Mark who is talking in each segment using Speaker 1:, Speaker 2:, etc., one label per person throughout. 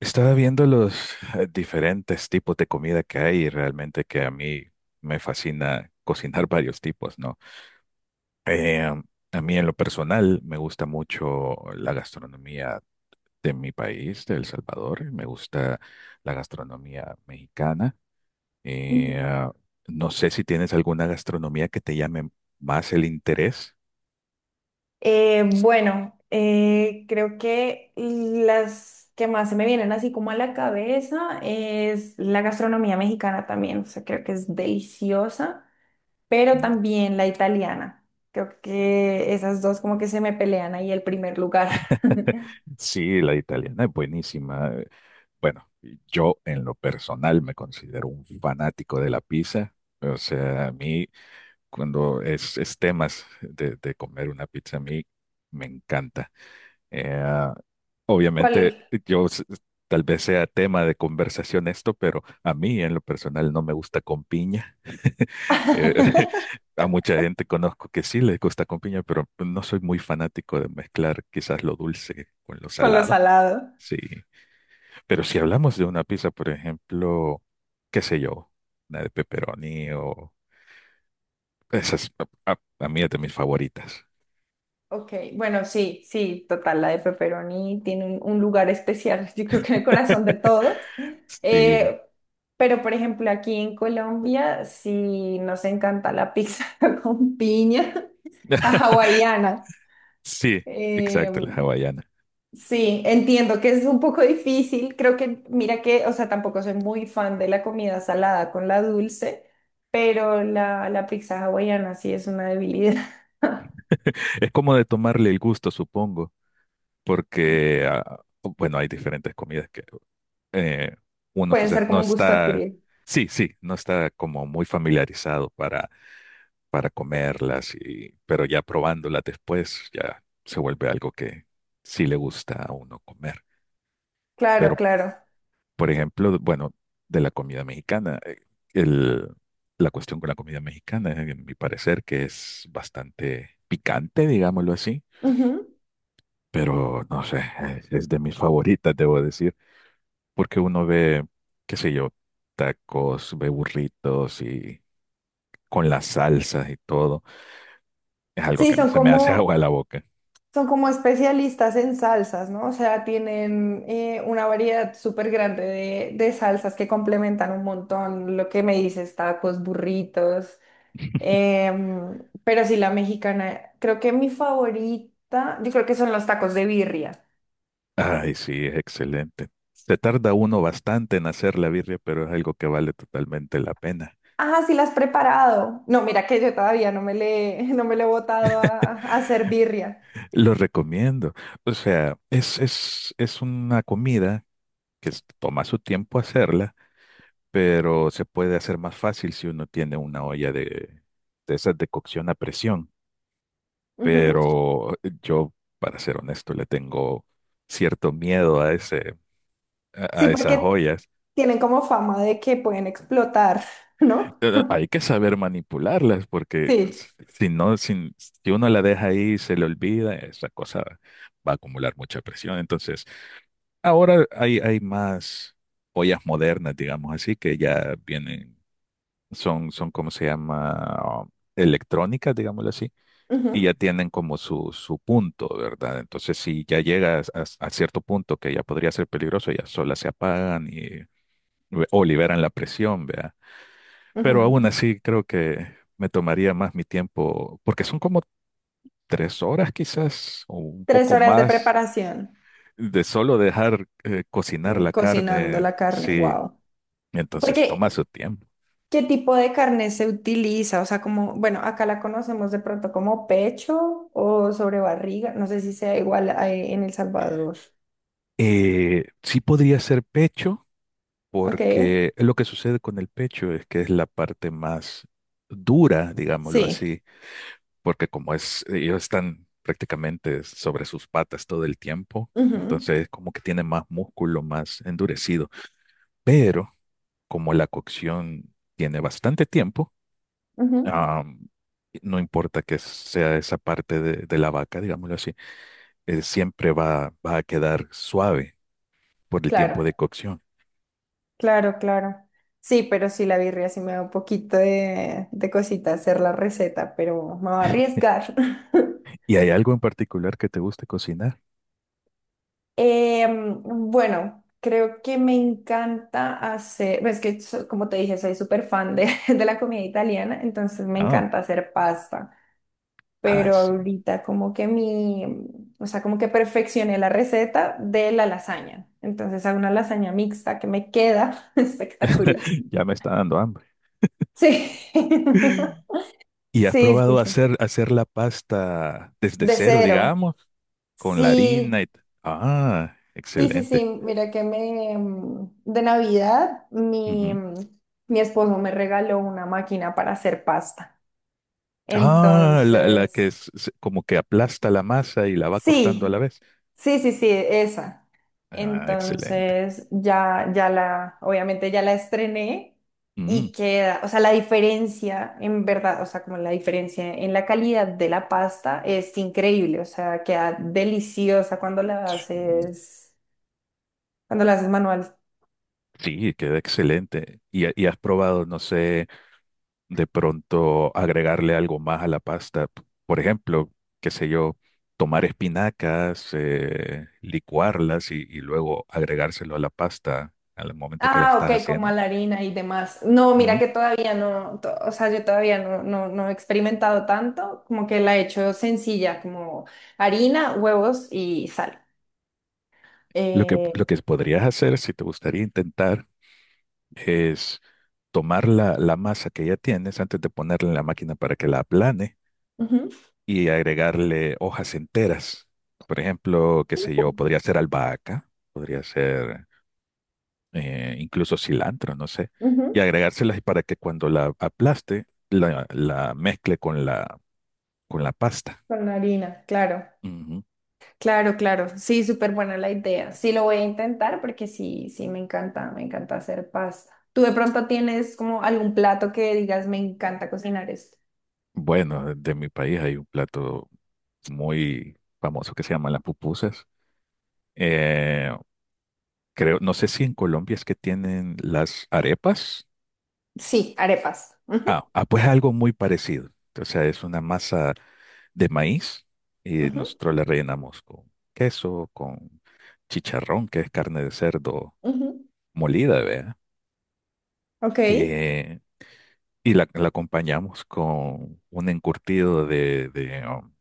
Speaker 1: Estaba viendo los diferentes tipos de comida que hay y realmente que a mí me fascina cocinar varios tipos, ¿no? Eh, a mí en lo personal me gusta mucho la gastronomía de mi país, de El Salvador, me gusta la gastronomía mexicana.
Speaker 2: Ujú.
Speaker 1: Eh, ah, no sé si tienes alguna gastronomía que te llame más el interés.
Speaker 2: Bueno, creo que las que más se me vienen así como a la cabeza es la gastronomía mexicana también, o sea, creo que es deliciosa, pero
Speaker 1: Mm.
Speaker 2: también la italiana. Creo que esas dos como que se me pelean ahí el primer lugar.
Speaker 1: Sí, la italiana es buenísima. Bueno, yo en lo personal me considero un fanático de la pizza. O sea, a mí cuando es temas de comer una pizza, a mí me encanta. Eh, ah, Obviamente,
Speaker 2: ¿Cuál?
Speaker 1: yo s- tal vez sea tema de conversación esto, pero a mí en lo personal no me gusta con piña. Eh, a mucha gente conozco que sí les gusta con piña, pero no soy muy fanático de mezclar quizás lo dulce con lo
Speaker 2: Con lo
Speaker 1: salado.
Speaker 2: salado.
Speaker 1: Sí. Pero si hablamos de una pizza, por ejemplo, qué sé yo, una de pepperoni o esas, a mí es de mis favoritas.
Speaker 2: Ok, bueno, sí, sí, total, la de pepperoni tiene un lugar especial, yo creo que en el corazón de todos.
Speaker 1: Sí.
Speaker 2: Eh, pero, por ejemplo, aquí en Colombia, sí nos encanta la pizza con piña, la hawaiana.
Speaker 1: Sí,
Speaker 2: Eh,
Speaker 1: exacto, la hawaiana.
Speaker 2: sí, entiendo que es un poco difícil, creo que, mira que, o sea, tampoco soy muy fan de la comida salada con la dulce, pero la pizza hawaiana sí es una debilidad.
Speaker 1: Es como de tomarle el gusto, supongo. Porque, ah, bueno, hay diferentes comidas que eh, uno
Speaker 2: Pueden
Speaker 1: quizás
Speaker 2: ser
Speaker 1: no
Speaker 2: como un gusto
Speaker 1: está,
Speaker 2: adquirido.
Speaker 1: sí, sí, no está como muy familiarizado para comerlas, y, pero ya probándolas después ya se vuelve algo que sí le gusta a uno comer.
Speaker 2: Claro,
Speaker 1: Pero,
Speaker 2: claro.
Speaker 1: por ejemplo, bueno, de la comida mexicana, el, la cuestión con la comida mexicana, en mi parecer, que es bastante picante, digámoslo así,
Speaker 2: Ujú.
Speaker 1: pero no sé, es de mis favoritas, debo decir. Porque uno ve, qué sé yo, tacos, ve burritos y con las salsas y todo. Es algo que
Speaker 2: Sí,
Speaker 1: a mí se me hace agua a la boca.
Speaker 2: son como especialistas en salsas, ¿no? O sea, tienen una variedad súper grande de salsas que complementan un montón lo que me dices, tacos, burritos. em, pero sí, la mexicana, creo que mi favorita, yo creo que son los tacos de birria.
Speaker 1: Ay, sí, es excelente. Se tarda uno bastante en hacer la birria, pero es algo que vale totalmente la pena.
Speaker 2: Ah, sí, la has preparado. No, mira que yo todavía no me le, no me le he botado a hacer birria.
Speaker 1: Lo recomiendo. O sea, es una comida que toma su tiempo hacerla, pero se puede hacer más fácil si uno tiene una olla de esas de cocción a presión.
Speaker 2: Ujú.
Speaker 1: Pero yo, para ser honesto, le tengo cierto miedo a a
Speaker 2: Sí,
Speaker 1: esas
Speaker 2: porque
Speaker 1: joyas.
Speaker 2: tienen como fama de que pueden explotar, ¿no?
Speaker 1: Hay que saber manipularlas porque
Speaker 2: Sí.
Speaker 1: si uno la deja ahí y se le olvida, esa cosa va a acumular mucha presión. Entonces, ahora hay más joyas modernas, digamos así, que ya vienen, ¿cómo se llama? Electrónicas, digámoslo así, y
Speaker 2: Ujú,
Speaker 1: ya tienen como su punto, ¿verdad? Entonces, si ya llegas a cierto punto que ya podría ser peligroso, ya solas se apagan y, o liberan la presión, ¿vea? Pero
Speaker 2: ujú.
Speaker 1: aún así creo que me tomaría más mi tiempo, porque son como 3 horas quizás, o un
Speaker 2: Tres
Speaker 1: poco
Speaker 2: horas de
Speaker 1: más,
Speaker 2: preparación,
Speaker 1: de solo dejar cocinar la
Speaker 2: cocinando
Speaker 1: carne,
Speaker 2: la carne,
Speaker 1: sí,
Speaker 2: wow.
Speaker 1: entonces toma
Speaker 2: Porque,
Speaker 1: su tiempo.
Speaker 2: ¿qué tipo de carne se utiliza? O sea, como, bueno, acá la conocemos de pronto como pecho o sobre barriga, no sé si sea igual a- en El Salvador.
Speaker 1: Sí podría ser pecho
Speaker 2: Ok,
Speaker 1: porque lo que sucede con el pecho es que es la parte más dura, digámoslo
Speaker 2: sí.
Speaker 1: así, porque como es, ellos están prácticamente sobre sus patas todo el tiempo,
Speaker 2: Ujú,
Speaker 1: entonces como que tiene más músculo, más endurecido, pero como la cocción tiene bastante tiempo,
Speaker 2: ujú.
Speaker 1: ah, no importa que sea esa parte de la vaca, digámoslo así, siempre va, va a quedar suave por el
Speaker 2: Claro,
Speaker 1: tiempo de cocción.
Speaker 2: claro, claro. Sí, pero sí, la birria sí me da un poquito de cosita hacer la receta, pero me va a arriesgar.
Speaker 1: ¿Y hay algo en particular que te guste cocinar?
Speaker 2: Em, bueno, creo que me encanta hacer, pues, es que so- como te dije, soy súper fan de, de la comida italiana, entonces me
Speaker 1: Ah,
Speaker 2: encanta hacer pasta,
Speaker 1: ah,
Speaker 2: pero
Speaker 1: sí.
Speaker 2: ahorita como que mi, o sea, como que perfeccioné la receta de la lasaña, entonces hago una lasaña mixta que me queda espectacular.
Speaker 1: Ya me está dando hambre.
Speaker 2: Sí,
Speaker 1: ¿Y has
Speaker 2: sí, sí,
Speaker 1: probado
Speaker 2: sí,
Speaker 1: hacer la pasta desde
Speaker 2: de
Speaker 1: cero,
Speaker 2: cero,
Speaker 1: digamos, con la harina
Speaker 2: sí.
Speaker 1: y... ah,
Speaker 2: Sí, sí, sí,
Speaker 1: excelente.
Speaker 2: mira que de Navidad
Speaker 1: Ujú.
Speaker 2: mi esposo me regaló una máquina para hacer pasta.
Speaker 1: Ah, la que
Speaker 2: Entonces,
Speaker 1: es como que aplasta la masa y la va cortando a la
Speaker 2: sí,
Speaker 1: vez.
Speaker 2: sí, sí, sí, esa.
Speaker 1: Ah, excelente.
Speaker 2: Entonces, ya, ya la, obviamente ya la estrené
Speaker 1: Mm,
Speaker 2: y queda, o sea, la diferencia en verdad, o sea, como la diferencia en la calidad de la pasta es increíble, o sea, queda deliciosa
Speaker 1: sí,
Speaker 2: cuando la haces manual.
Speaker 1: sí, queda excelente. Y has probado, no sé... de pronto agregarle algo más a la pasta. Por ejemplo, qué sé yo, tomar espinacas, licuarlas y luego agregárselo a la pasta al momento que la
Speaker 2: Ah,
Speaker 1: estás
Speaker 2: ok, como a
Speaker 1: haciendo.
Speaker 2: la harina y demás. No, mira
Speaker 1: Ujú.
Speaker 2: que todavía no, to- o sea, yo todavía no, no, no he experimentado tanto, como que la he hecho sencilla, como harina, huevos y sal. Eh,
Speaker 1: Lo que podrías hacer, si te gustaría intentar, es tomar la, la masa que ya tienes antes de ponerla en la máquina para que la aplane
Speaker 2: Ujú,
Speaker 1: y agregarle hojas enteras. Por ejemplo, qué sé
Speaker 2: Uh,
Speaker 1: yo, podría ser albahaca, podría ser incluso cilantro, no sé,
Speaker 2: ujú,
Speaker 1: y agregárselas y para que cuando la aplaste, la mezcle con la pasta.
Speaker 2: Con la harina, claro,
Speaker 1: Ujú.
Speaker 2: claro, claro. Sí, súper buena la idea. Sí, lo voy a intentar porque sí, sí, me encanta hacer pasta. ¿Tú de pronto tienes como algún plato que digas, me encanta cocinar esto?
Speaker 1: Bueno, de mi país hay un plato muy famoso que se llama las pupusas. Eh, Creo, no sé si en Colombia es que tienen las arepas.
Speaker 2: Sí, arepas. Ujú,
Speaker 1: Ah, ah, pues algo muy parecido. O sea, es una masa de maíz y
Speaker 2: ujú,
Speaker 1: nosotros la rellenamos con queso, con chicharrón, que es carne de cerdo
Speaker 2: ujú.
Speaker 1: molida, ¿vea?
Speaker 2: Ok.
Speaker 1: eh, y la acompañamos con un encurtido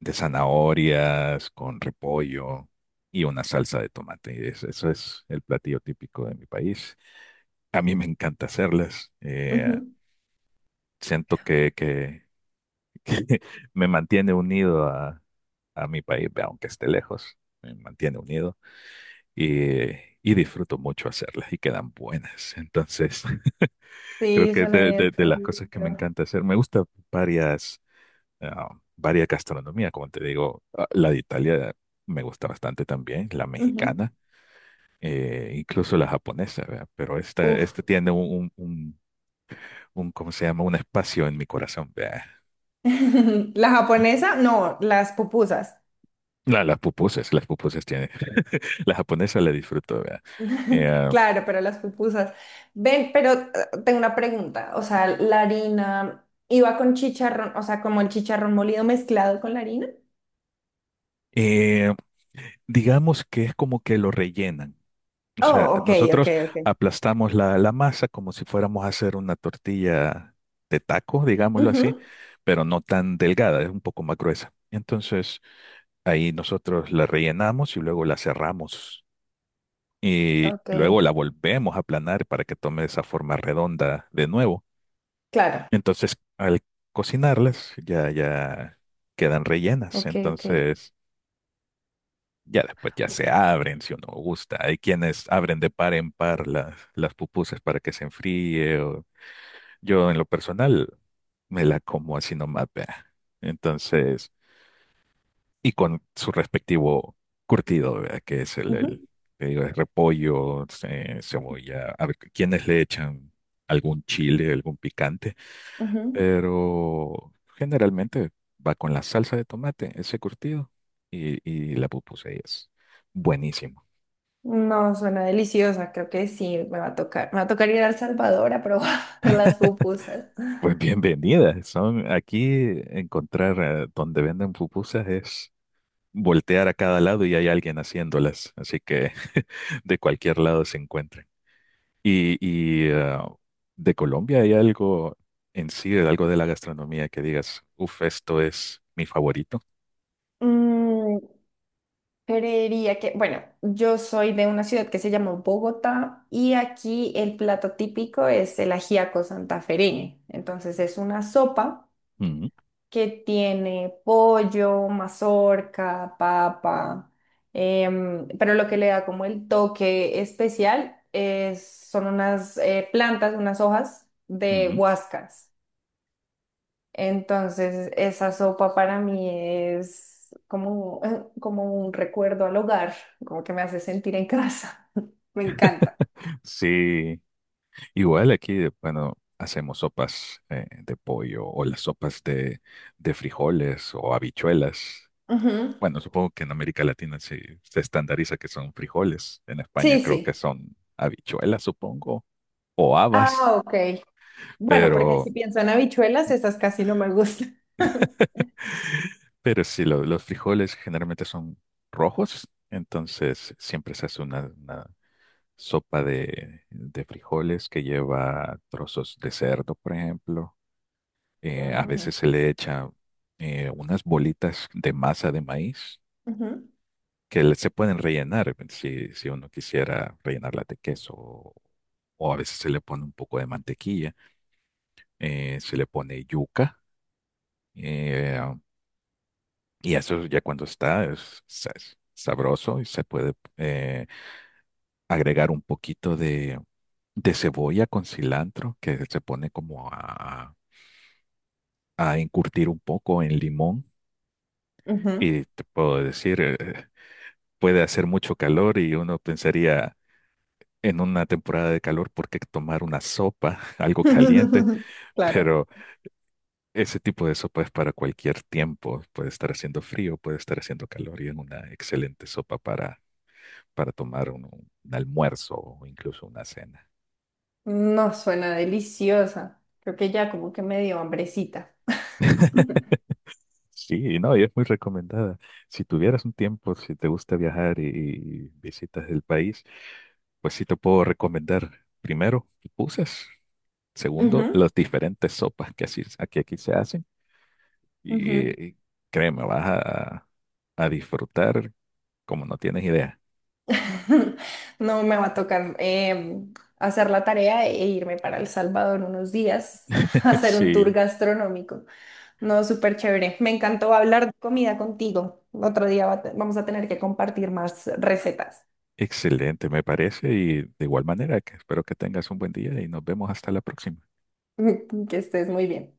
Speaker 1: de zanahorias, con repollo y una salsa de tomate. Y eso es el platillo típico de mi país. A mí me encanta hacerlas. Siento que, que me mantiene unido a mi país, aunque esté lejos, me mantiene unido y, y disfruto mucho hacerlas y quedan buenas. Entonces... Creo
Speaker 2: Sí,
Speaker 1: que
Speaker 2: suena bien
Speaker 1: de las cosas que me
Speaker 2: rico.
Speaker 1: encanta hacer, me gusta varias. ah, Varias gastronomías, como te digo, ah, la de Italia me gusta bastante también, la
Speaker 2: Ujú.
Speaker 1: mexicana, incluso la japonesa, ¿verdad? Pero esta,
Speaker 2: Uf.
Speaker 1: esta tiene ¿cómo se llama? Un espacio en mi corazón, ¿verdad?
Speaker 2: La japonesa, no, las pupusas.
Speaker 1: Las pupusas, las pupusas tiene, la japonesa la disfruto, ¿verdad? Eh,
Speaker 2: Claro, pero las pupusas. Ven, pero tengo una pregunta. O sea, la harina iba con chicharrón, o sea, como el chicharrón molido mezclado con la harina.
Speaker 1: eh, digamos que es como que lo rellenan. O sea,
Speaker 2: Oh, ok, ok,
Speaker 1: nosotros
Speaker 2: ok.
Speaker 1: aplastamos la, la masa como si fuéramos a hacer una tortilla de taco, digámoslo así,
Speaker 2: Ujú.
Speaker 1: pero no tan delgada, es un poco más gruesa. Entonces, ahí nosotros la rellenamos y luego la cerramos y
Speaker 2: Ok,
Speaker 1: luego la volvemos a aplanar para que tome esa forma redonda de nuevo.
Speaker 2: claro.
Speaker 1: Entonces, al cocinarlas ya quedan rellenas.
Speaker 2: Ok, ok.
Speaker 1: Entonces, ya después ya se abren si uno gusta. Hay quienes abren de par en par las pupusas para que se enfríe. Yo en lo personal me la como así nomás, vea. Entonces, y con su respectivo curtido, vea, que es
Speaker 2: Ujú,
Speaker 1: el, te digo, es repollo, cebolla. A ver, quienes le echan algún chile, algún picante,
Speaker 2: ujú.
Speaker 1: pero generalmente va con la salsa de tomate, ese curtido, y la pupusa y es buenísima.
Speaker 2: No, suena deliciosa. Creo que sí, me va a tocar. Me va a tocar ir a El Salvador a probar las pupusas.
Speaker 1: Pues bienvenidas. Son aquí encontrar donde venden pupusas es voltear a cada lado y hay alguien haciéndolas. Así que de cualquier lado se encuentran. Y de Colombia hay algo en sí, algo de la gastronomía que digas, uff, esto es mi favorito.
Speaker 2: Mm, creería que, bueno, yo soy de una ciudad que se llama Bogotá y aquí el plato típico es el ajiaco santafereño. Entonces es una sopa
Speaker 1: Ujú,
Speaker 2: que tiene pollo, mazorca, papa, pero lo que le da como el toque especial es, son unas plantas, unas hojas de
Speaker 1: ujú.
Speaker 2: huascas. Entonces, esa sopa para mí es como, como un recuerdo al hogar, como que me hace sentir en casa. Me encanta.
Speaker 1: Sí, igual aquí, bueno, hacemos sopas de pollo o las sopas de frijoles o habichuelas.
Speaker 2: Ujú.
Speaker 1: Bueno, supongo que en América Latina sí se estandariza que son frijoles. En España
Speaker 2: Sí,
Speaker 1: creo que
Speaker 2: sí.
Speaker 1: son habichuelas, supongo, o habas,
Speaker 2: Ah, ok. Bueno, porque
Speaker 1: pero,
Speaker 2: si pienso en habichuelas, esas casi no me gustan.
Speaker 1: pero sí, los frijoles generalmente son rojos, entonces siempre se hace una sopa de frijoles que lleva trozos de cerdo, por ejemplo. A
Speaker 2: Mm.
Speaker 1: veces se le echa unas bolitas de masa de maíz
Speaker 2: Ujú,
Speaker 1: que se pueden rellenar si, si uno quisiera rellenarla de queso o a veces se le pone un poco de mantequilla, se le pone yuca eh, y eso ya cuando es sabroso y se puede agregar un poquito de cebolla con cilantro que se pone como a encurtir un poco en limón
Speaker 2: ujú.
Speaker 1: y te puedo decir, puede hacer mucho calor y uno pensaría... en una temporada de calor por qué tomar una sopa, algo caliente,
Speaker 2: Claro.
Speaker 1: pero ese tipo de sopa es para cualquier tiempo. Puede estar haciendo frío, puede estar haciendo calor y es una excelente sopa para tomar un almuerzo o incluso una cena.
Speaker 2: No suena deliciosa. Creo que ya como que me dio hambrecita.
Speaker 1: Sí, no, y es muy recomendada. Si tuvieras un tiempo, si te gusta viajar y visitas el país, pues sí te puedo recomendar primero pupusas, segundo
Speaker 2: Ujú,
Speaker 1: las diferentes sopas que aquí se hacen.
Speaker 2: ujú.
Speaker 1: Y créeme, vas a disfrutar como no tienes idea.
Speaker 2: No me va a tocar hacer la tarea e irme para El Salvador unos días a hacer un tour
Speaker 1: Sí,
Speaker 2: gastronómico. No, súper chévere. Me encantó hablar de comida contigo. Otro día va a te- vamos a tener que compartir más recetas.
Speaker 1: excelente, me parece. Y de igual manera, que espero que tengas un buen día y nos vemos hasta la próxima.
Speaker 2: Que estés muy bien.